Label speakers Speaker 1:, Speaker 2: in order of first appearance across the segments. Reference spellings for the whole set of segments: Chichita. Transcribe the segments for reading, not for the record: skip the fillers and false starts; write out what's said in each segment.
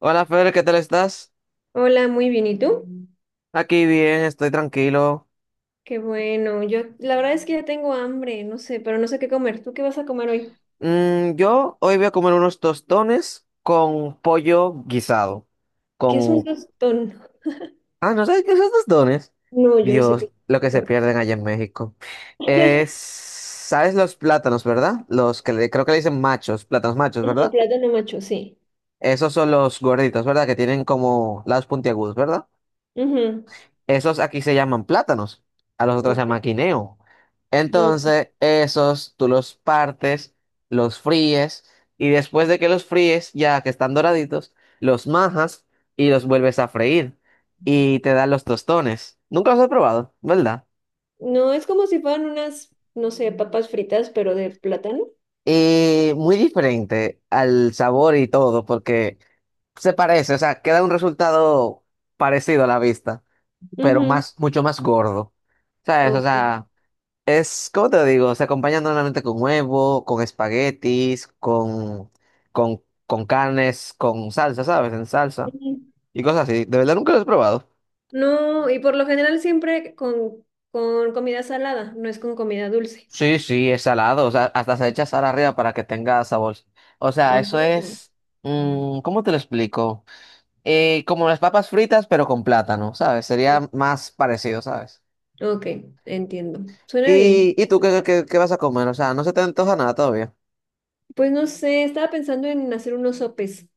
Speaker 1: Hola Fer, ¿qué tal estás?
Speaker 2: Hola, muy bien. ¿Y tú?
Speaker 1: Aquí bien, estoy tranquilo.
Speaker 2: Qué bueno. Yo, la verdad es que ya tengo hambre, no sé, pero no sé qué comer. ¿Tú qué vas a comer hoy?
Speaker 1: Yo hoy voy a comer unos tostones con pollo guisado.
Speaker 2: ¿Qué es un
Speaker 1: Con...
Speaker 2: tostón?
Speaker 1: Ah, ¿no sabes qué son tostones?
Speaker 2: No, yo no sé qué
Speaker 1: Dios,
Speaker 2: es
Speaker 1: lo
Speaker 2: un
Speaker 1: que se
Speaker 2: tostón.
Speaker 1: pierden allá en México. Es... ¿Sabes los plátanos, verdad? Creo que le dicen machos, plátanos machos,
Speaker 2: Ajá,
Speaker 1: ¿verdad?
Speaker 2: plátano macho, sí.
Speaker 1: Esos son los gorditos, ¿verdad? Que tienen como lados puntiagudos, ¿verdad?
Speaker 2: Ujú,
Speaker 1: Esos aquí se llaman plátanos, a los otros se
Speaker 2: ok.
Speaker 1: llama quineo.
Speaker 2: No,
Speaker 1: Entonces, esos tú los partes, los fríes y después de que los fríes, ya que están doraditos, los majas y los vuelves a freír y te dan los tostones. Nunca los he probado, ¿verdad?
Speaker 2: no, es como si fueran unas, no sé, papas fritas, pero de plátano.
Speaker 1: Y muy diferente al sabor y todo, porque se parece, o sea, queda un resultado parecido a la vista, pero
Speaker 2: Ujú,
Speaker 1: más, mucho más gordo. ¿Sabes? O
Speaker 2: ok.
Speaker 1: sea. Es, ¿cómo te digo? Se acompaña normalmente con huevo, con espaguetis, con carnes, con salsa, ¿sabes? En salsa
Speaker 2: Ujú.
Speaker 1: y cosas así. De verdad nunca lo he probado.
Speaker 2: No, y por lo general siempre con, comida salada, no es con comida dulce.
Speaker 1: Sí, sí, es salado. O sea, hasta se echa sal arriba para que tenga sabor. O sea, eso
Speaker 2: Ujú.
Speaker 1: es. ¿Cómo te lo explico? Como las papas fritas, pero con plátano, ¿sabes? Sería más parecido, ¿sabes?
Speaker 2: Ok, entiendo. Suena bien.
Speaker 1: ¿Y tú qué vas a comer? O sea, no se te antoja nada todavía.
Speaker 2: Pues no sé, estaba pensando en hacer unos sopes.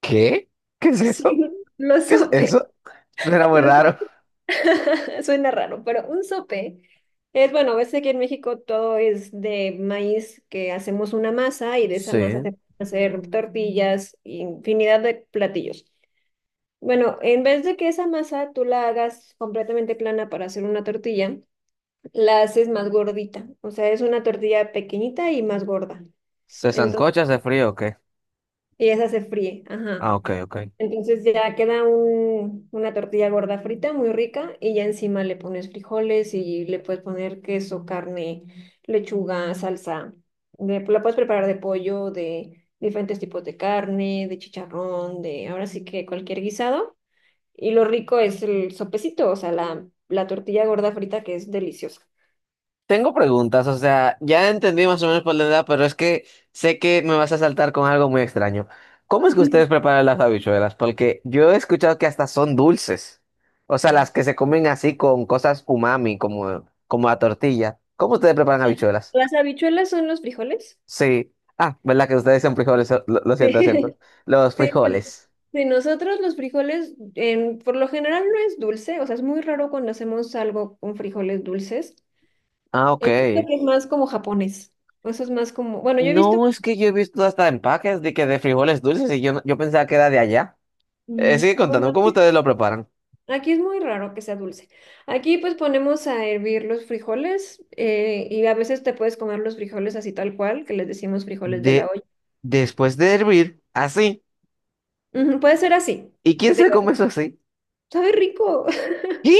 Speaker 1: ¿Qué? ¿Qué es
Speaker 2: Sí,
Speaker 1: eso?
Speaker 2: los
Speaker 1: ¿Qué es
Speaker 2: sopes.
Speaker 1: eso? Suena muy
Speaker 2: Los-
Speaker 1: raro.
Speaker 2: Suena raro, pero un sope es, bueno, ves que aquí en México todo es de maíz, que hacemos una masa y de esa masa
Speaker 1: Sí.
Speaker 2: se pueden hacer tortillas, infinidad de platillos. Bueno, en vez de que esa masa tú la hagas completamente plana para hacer una tortilla, la haces más gordita. O sea, es una tortilla pequeñita y más gorda.
Speaker 1: ¿Se
Speaker 2: Entonces,
Speaker 1: sancocha, se frío o qué?
Speaker 2: y esa se fríe, ajá.
Speaker 1: Ah, ok, ok.
Speaker 2: Entonces ya queda una tortilla gorda frita, muy rica, y ya encima le pones frijoles y le puedes poner queso, carne, lechuga, salsa. La puedes preparar de pollo, de diferentes tipos de carne, de chicharrón, de ahora sí que cualquier guisado. Y lo rico es el sopecito, o sea, la tortilla gorda frita que es deliciosa.
Speaker 1: Tengo preguntas, o sea, ya entendí más o menos por la edad, pero es que sé que me vas a saltar con algo muy extraño. ¿Cómo es que ustedes preparan las habichuelas? Porque yo he escuchado que hasta son dulces. O sea, las que se comen así con cosas umami, como la tortilla. ¿Cómo ustedes preparan habichuelas?
Speaker 2: Las habichuelas son los frijoles.
Speaker 1: Sí. Ah, ¿verdad que ustedes son frijoles? Lo siento, lo
Speaker 2: Sí.
Speaker 1: siento. Los
Speaker 2: Sí,
Speaker 1: frijoles.
Speaker 2: sí, nosotros los frijoles, por lo general no es dulce, o sea, es muy raro cuando hacemos algo con frijoles dulces.
Speaker 1: Ah, ok.
Speaker 2: Es que es más como japonés. Eso es más como, bueno, yo he visto,
Speaker 1: No, es que yo he visto hasta empaques de que de frijoles dulces y yo, no- yo pensaba que era de allá. Eh,
Speaker 2: no,
Speaker 1: sigue
Speaker 2: bueno,
Speaker 1: contando cómo
Speaker 2: aquí,
Speaker 1: ustedes lo preparan.
Speaker 2: aquí es muy raro que sea dulce. Aquí pues ponemos a hervir los frijoles y a veces te puedes comer los frijoles así tal cual, que les decimos frijoles de la
Speaker 1: De,
Speaker 2: olla.
Speaker 1: después de hervir, así.
Speaker 2: Ujú, puede ser así,
Speaker 1: ¿Y quién
Speaker 2: que te
Speaker 1: se come eso así?
Speaker 2: sabe rico.
Speaker 1: ¿Qué?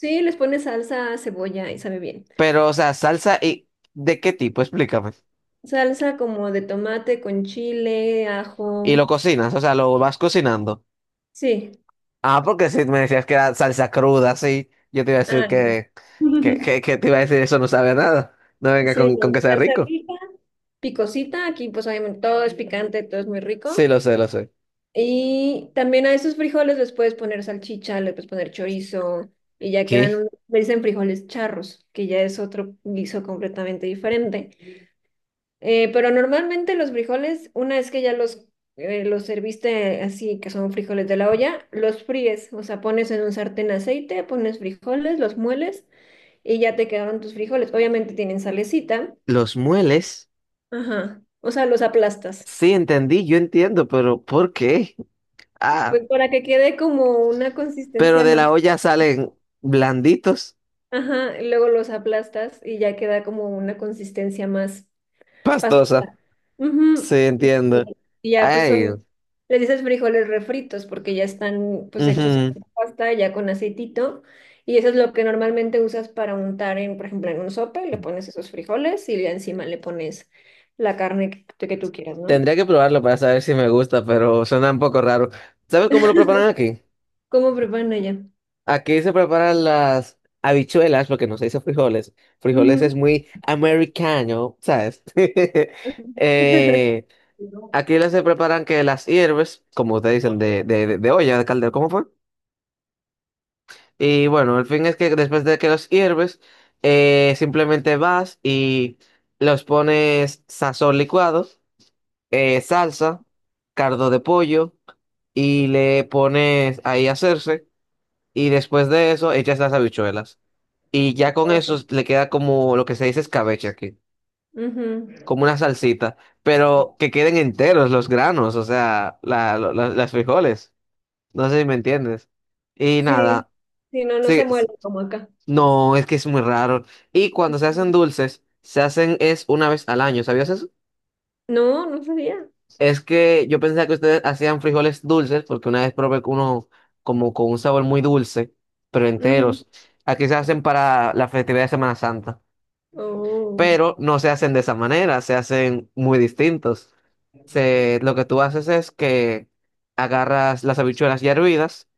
Speaker 2: Sí, les pones salsa, cebolla y sabe bien.
Speaker 1: Pero, o sea, salsa y ¿de qué tipo? Explícame.
Speaker 2: Salsa como de tomate con chile,
Speaker 1: Y
Speaker 2: ajo.
Speaker 1: lo cocinas, o sea, lo vas cocinando.
Speaker 2: Sí.
Speaker 1: Ah, porque si me decías que era salsa cruda, sí, yo te iba a decir
Speaker 2: Ah,
Speaker 1: que, que, que, que te iba a decir eso no sabe a nada. No venga
Speaker 2: sí,
Speaker 1: con que sea
Speaker 2: salsa
Speaker 1: rico.
Speaker 2: rica, picosita. Aquí pues obviamente todo es picante, todo es muy
Speaker 1: Sí,
Speaker 2: rico.
Speaker 1: lo sé, lo sé.
Speaker 2: Y también a esos frijoles les puedes poner salchicha, le puedes poner chorizo y ya quedan,
Speaker 1: ¿Qué?
Speaker 2: le dicen frijoles charros, que ya es otro guiso completamente diferente. Pero normalmente los frijoles, una vez que ya los serviste así, que son frijoles de la olla, los fríes, o sea, pones en un sartén aceite, pones frijoles, los mueles y ya te quedaron tus frijoles. Obviamente tienen salecita,
Speaker 1: ¿Los mueles?
Speaker 2: ajá, o sea, los aplastas,
Speaker 1: Sí, entendí, yo entiendo, pero ¿por qué? Ah,
Speaker 2: pues para que quede como una
Speaker 1: pero
Speaker 2: consistencia
Speaker 1: de
Speaker 2: más,
Speaker 1: la olla salen blanditos,
Speaker 2: ajá, y luego los aplastas y ya queda como una consistencia más pastosa.
Speaker 1: pastosa. Sí,
Speaker 2: Ujú. Y
Speaker 1: entiendo.
Speaker 2: ya pues
Speaker 1: Ay,
Speaker 2: son, le dices frijoles refritos porque ya están pues hechos
Speaker 1: ujú.
Speaker 2: en pasta, ya con aceitito. Y eso es lo que normalmente usas para untar en, por ejemplo, en un sope, le pones esos frijoles y ya encima le pones la carne que, tú quieras, ¿no?
Speaker 1: Tendría que probarlo para saber si me gusta, pero suena un poco raro. ¿Sabes cómo lo preparan aquí?
Speaker 2: ¿Cómo preparan allá?
Speaker 1: Aquí se preparan las habichuelas, porque no se dice frijoles. Frijoles es
Speaker 2: Ujú.
Speaker 1: muy americano, ¿sabes? Eh, aquí las se preparan que las hierves, como ustedes dicen, de olla, de caldero, ¿cómo fue? Y bueno, el fin es que después de que los hierves, simplemente vas y los pones sazón licuado, salsa, cardo de pollo y le pones ahí a hacerse. Y después de eso echas las habichuelas. Y ya con eso
Speaker 2: Oh.
Speaker 1: le queda como lo que se dice escabeche aquí,
Speaker 2: Ujú.
Speaker 1: como una salsita, pero que queden enteros los granos, o sea, las frijoles. No sé si me entiendes. Y
Speaker 2: Sí,
Speaker 1: nada,
Speaker 2: sí, no, no
Speaker 1: sí,
Speaker 2: se muele
Speaker 1: sí.
Speaker 2: como acá.
Speaker 1: No, es que es muy raro. Y cuando se hacen dulces, se hacen es una vez al año, ¿sabías eso?
Speaker 2: No, no sabía.
Speaker 1: Es que yo pensaba que ustedes hacían frijoles dulces, porque una vez probé con uno como con un sabor muy dulce, pero
Speaker 2: Ujú.
Speaker 1: enteros. Aquí se hacen para la festividad de Semana Santa,
Speaker 2: Oh.
Speaker 1: pero no se hacen de esa manera, se hacen muy distintos. Lo que tú haces es que agarras las habichuelas ya hervidas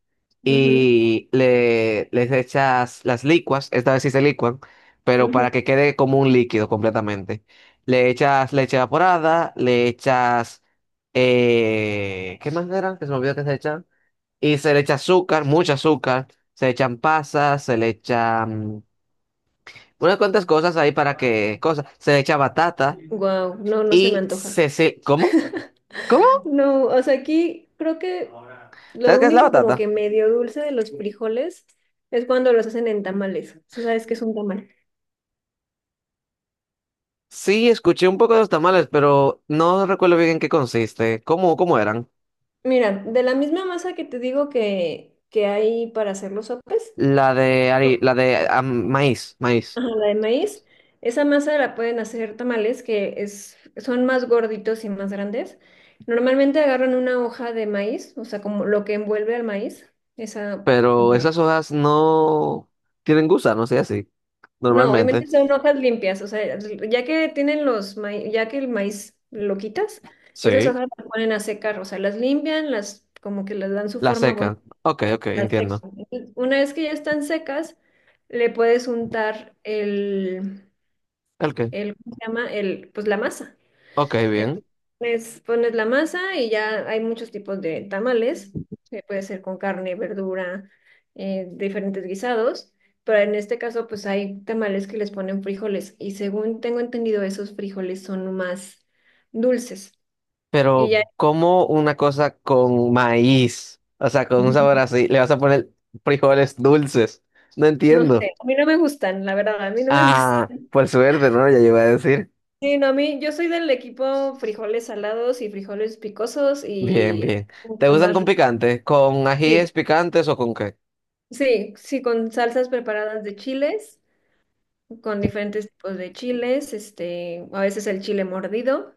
Speaker 2: Ujú,
Speaker 1: y les echas las licuas, esta vez sí se licuan, pero
Speaker 2: ujú.
Speaker 1: para que quede como un líquido completamente. Le echas leche evaporada, le echas... ¿Qué más eran? Que se me olvidó que se echan. Y se le echa azúcar, mucho azúcar, se echan pasas, se le echan unas cuantas cosas ahí para que... cosas, se le echa batata
Speaker 2: Wow, no, no se me
Speaker 1: y
Speaker 2: antoja.
Speaker 1: se ¿cómo? ¿Cómo?
Speaker 2: No, o sea, aquí creo que lo
Speaker 1: ¿Sabes qué es la
Speaker 2: único como
Speaker 1: batata?
Speaker 2: que medio dulce de los frijoles es cuando los hacen en tamales. Si sabes que es un tamal.
Speaker 1: Sí, escuché un poco de los tamales, pero no recuerdo bien en qué consiste. ¿Cómo eran?
Speaker 2: Mira, de la misma masa que te digo que, hay para hacer los sopes,
Speaker 1: La de maíz, maíz.
Speaker 2: ajá, la de maíz, esa masa la pueden hacer tamales que es, son más gorditos y más grandes. Normalmente agarran una hoja de maíz, o sea, como lo que envuelve al maíz, esa
Speaker 1: Pero
Speaker 2: como
Speaker 1: esas hojas no tienen gusanos y así.
Speaker 2: No,
Speaker 1: Normalmente.
Speaker 2: obviamente son hojas limpias, o sea, ya que tienen los maíz, ya que el maíz lo quitas, esas
Speaker 1: Sí.
Speaker 2: hojas las ponen a secar, o sea, las limpian, las como que les dan su
Speaker 1: La
Speaker 2: forma bonita,
Speaker 1: secan. Ok, ok,
Speaker 2: las
Speaker 1: entiendo.
Speaker 2: secan. Entonces, una vez que ya están secas, le puedes untar el,
Speaker 1: Ok,
Speaker 2: ¿cómo se llama? El, pues la masa.
Speaker 1: ok, bien.
Speaker 2: Entonces, pones la masa y ya hay muchos tipos de tamales, que puede ser con carne, verdura, diferentes guisados, pero en este caso pues hay tamales que les ponen frijoles y según tengo entendido esos frijoles son más dulces y
Speaker 1: Pero,
Speaker 2: ya
Speaker 1: ¿cómo una cosa con maíz? O sea, con un sabor así, le vas a poner frijoles dulces. No
Speaker 2: no
Speaker 1: entiendo.
Speaker 2: sé, a mí no me gustan, la verdad, a mí no me
Speaker 1: Ah,
Speaker 2: gustan.
Speaker 1: por suerte, ¿no? Ya yo iba a decir.
Speaker 2: Sí, no, a mí yo soy del equipo frijoles salados y frijoles picosos
Speaker 1: Bien,
Speaker 2: y
Speaker 1: bien. ¿Te
Speaker 2: mucho
Speaker 1: gustan
Speaker 2: más
Speaker 1: con
Speaker 2: rico.
Speaker 1: picante? ¿Con ajíes
Speaker 2: Sí,
Speaker 1: picantes o con qué?
Speaker 2: sí, sí, con salsas preparadas de chiles. Con diferentes tipos de chiles, este, a veces el chile mordido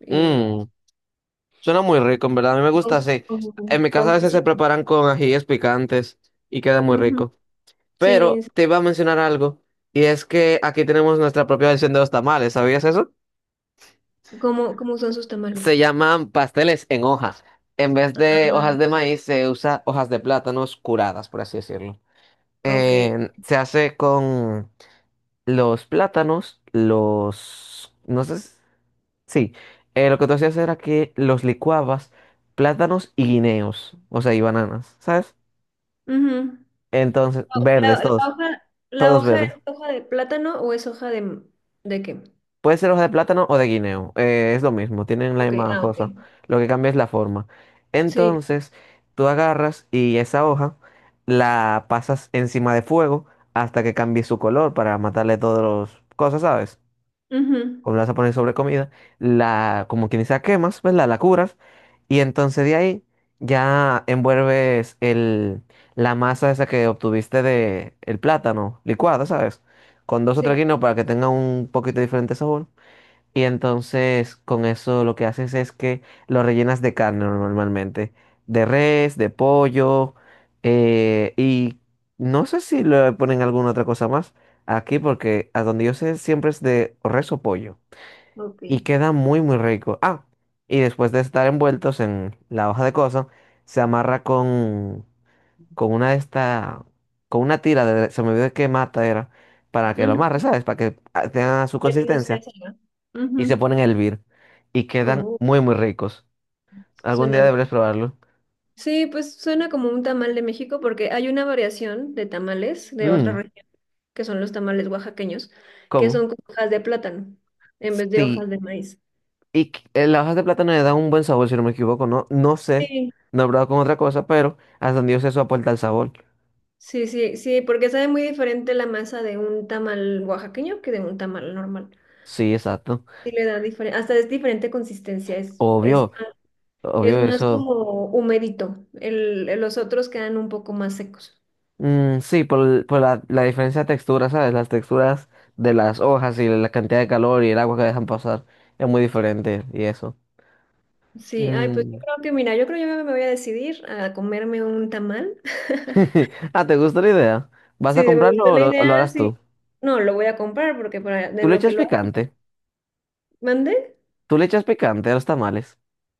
Speaker 2: y
Speaker 1: Mmm. Suena muy rico, en verdad. A mí me gusta
Speaker 2: con,
Speaker 1: así. En mi casa
Speaker 2: con
Speaker 1: a veces se
Speaker 2: quesito.
Speaker 1: preparan con ajíes picantes y queda muy
Speaker 2: Ujú.
Speaker 1: rico.
Speaker 2: Sí,
Speaker 1: Pero
Speaker 2: sí.
Speaker 1: te iba a mencionar algo, y es que aquí tenemos nuestra propia versión de los tamales. ¿Sabías eso?
Speaker 2: ¿Cómo, cómo son sus tamales?
Speaker 1: Se llaman pasteles en hojas. En vez de
Speaker 2: Ah,
Speaker 1: hojas de maíz, se usa hojas de plátanos curadas, por así decirlo.
Speaker 2: ok.
Speaker 1: Se hace con los plátanos, los... No sé, sí, lo que tú hacías era que los licuabas plátanos y guineos, o sea, y bananas, ¿sabes?
Speaker 2: Ujú.
Speaker 1: Entonces,
Speaker 2: La,
Speaker 1: verdes, todos,
Speaker 2: la
Speaker 1: todos
Speaker 2: hoja es
Speaker 1: verdes.
Speaker 2: hoja de plátano o es hoja de, ¿de qué?
Speaker 1: Puede ser hoja de plátano o de guineo, es lo mismo, tienen la
Speaker 2: Ok,
Speaker 1: misma
Speaker 2: ah, ok.
Speaker 1: cosa. Lo que cambia es la forma.
Speaker 2: Sí.
Speaker 1: Entonces, tú agarras y esa hoja la pasas encima de fuego hasta que cambie su color para matarle todas las cosas, ¿sabes?
Speaker 2: Ujú.
Speaker 1: O la vas a poner sobre comida, la, como quien dice, la quemas, ¿verdad? La curas, y entonces de ahí ya envuelves la masa esa que obtuviste de el plátano licuado, ¿sabes? Con dos o tres
Speaker 2: Sí.
Speaker 1: guineos para que tenga un poquito diferente sabor. Y entonces con eso lo que haces es que lo rellenas de carne normalmente, de res, de pollo, y no sé si le ponen alguna otra cosa más aquí porque a donde yo sé siempre es de res o pollo
Speaker 2: Ok.
Speaker 1: y queda muy muy rico. Ah, y después de estar envueltos en la hoja de coso, se amarra con una de esta, con una tira de, se me olvidó qué mata era, para que lo amarre,
Speaker 2: Ujú.
Speaker 1: ¿sabes? Para que tenga su
Speaker 2: Ay, no sé,
Speaker 1: consistencia
Speaker 2: esa no.
Speaker 1: y
Speaker 2: Ujú.
Speaker 1: se ponen a hervir y quedan
Speaker 2: Oh,
Speaker 1: muy muy ricos. Algún día
Speaker 2: suena.
Speaker 1: deberías probarlo.
Speaker 2: Sí, pues suena como un tamal de México porque hay una variación de tamales de otra
Speaker 1: Mm,
Speaker 2: región, que son los tamales oaxaqueños, que
Speaker 1: ¿cómo?
Speaker 2: son con hojas de plátano en vez de
Speaker 1: Sí,
Speaker 2: hojas de maíz.
Speaker 1: y las hojas de plátano le dan un buen sabor, si no me equivoco, no, no sé,
Speaker 2: Sí,
Speaker 1: no he probado con otra cosa, pero hasta donde yo sé eso aporta el sabor.
Speaker 2: sí, sí, sí, porque sabe muy diferente la masa de un tamal oaxaqueño que de un tamal normal.
Speaker 1: Sí, exacto.
Speaker 2: Sí le da diferente, hasta es diferente consistencia,
Speaker 1: Obvio.
Speaker 2: es
Speaker 1: Obvio
Speaker 2: más
Speaker 1: eso.
Speaker 2: como humedito. El, los otros quedan un poco más secos.
Speaker 1: Mm, sí, por la diferencia de textura, ¿sabes? Las texturas de las hojas y la cantidad de calor y el agua que dejan pasar es muy diferente y eso.
Speaker 2: Sí, ay, pues yo
Speaker 1: Mm.
Speaker 2: creo que, mira, yo creo que yo me voy a decidir a comerme un tamal.
Speaker 1: Ah, ¿te gusta la idea? ¿Vas
Speaker 2: Si
Speaker 1: a
Speaker 2: me gustó
Speaker 1: comprarlo o
Speaker 2: la
Speaker 1: lo
Speaker 2: idea,
Speaker 1: harás
Speaker 2: sí.
Speaker 1: tú?
Speaker 2: No, lo voy a comprar porque para
Speaker 1: ¿Tú
Speaker 2: en
Speaker 1: le
Speaker 2: lo que
Speaker 1: echas
Speaker 2: lo
Speaker 1: picante?
Speaker 2: mandé,
Speaker 1: ¿Tú le echas picante a los tamales?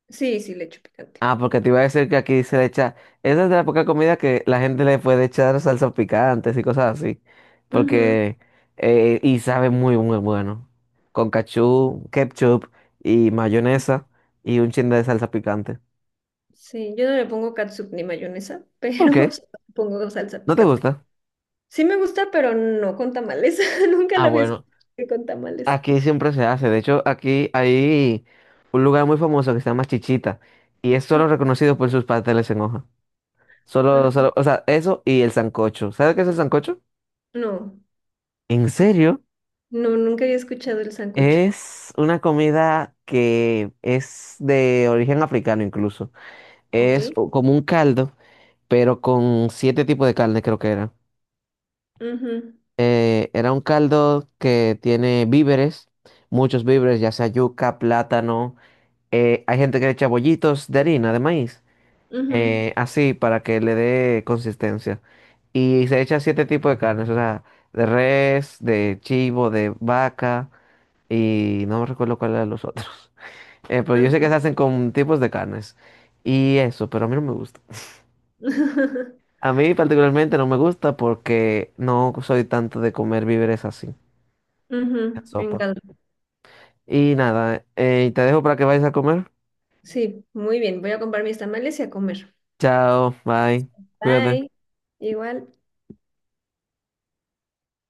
Speaker 2: sí, sí le echo picante.
Speaker 1: Ah, porque te iba a decir que aquí se le echa. Esa es de la poca comida que la gente le puede echar salsas picantes y cosas así.
Speaker 2: Ujú.
Speaker 1: Porque. Y sabe muy, muy bueno. Con cachú, ketchup y mayonesa y un chin de salsa picante.
Speaker 2: Sí, yo no le pongo catsup ni mayonesa,
Speaker 1: ¿Por
Speaker 2: pero
Speaker 1: qué?
Speaker 2: sí pongo salsa
Speaker 1: ¿No te
Speaker 2: picante.
Speaker 1: gusta?
Speaker 2: Sí me gusta, pero no con tamales. Nunca
Speaker 1: Ah,
Speaker 2: la había escuchado
Speaker 1: bueno.
Speaker 2: con tamales.
Speaker 1: Aquí siempre se hace. De hecho, aquí hay un lugar muy famoso que se llama Chichita. Y es solo reconocido por sus pasteles en hoja. Solo,
Speaker 2: Ah,
Speaker 1: solo. O sea, eso y el sancocho. ¿Sabes qué es el sancocho?
Speaker 2: no,
Speaker 1: ¿En serio?
Speaker 2: no, nunca había escuchado el sancocho.
Speaker 1: Es una comida que es de origen africano incluso.
Speaker 2: Ok.
Speaker 1: Como un caldo, pero con siete tipos de carne creo que era.
Speaker 2: Ujú,
Speaker 1: Era un caldo que tiene víveres, muchos víveres, ya sea yuca, plátano. Hay gente que le echa bollitos de harina, de maíz,
Speaker 2: ujú,
Speaker 1: así para que le dé consistencia. Y se echa siete tipos de carnes, o sea, de res, de chivo, de vaca y no me recuerdo cuál era los otros. Pero yo sé
Speaker 2: ah.
Speaker 1: que se hacen con tipos de carnes y eso, pero a mí no me gusta. A mí particularmente no me gusta porque no soy tanto de comer víveres así, en
Speaker 2: Ujú, en
Speaker 1: sopa.
Speaker 2: caldo.
Speaker 1: Y nada, te dejo para que vayas a comer.
Speaker 2: Sí, muy bien. Voy a comprar mis tamales y a comer.
Speaker 1: Chao, bye,
Speaker 2: Bye.
Speaker 1: cuídate.
Speaker 2: Igual.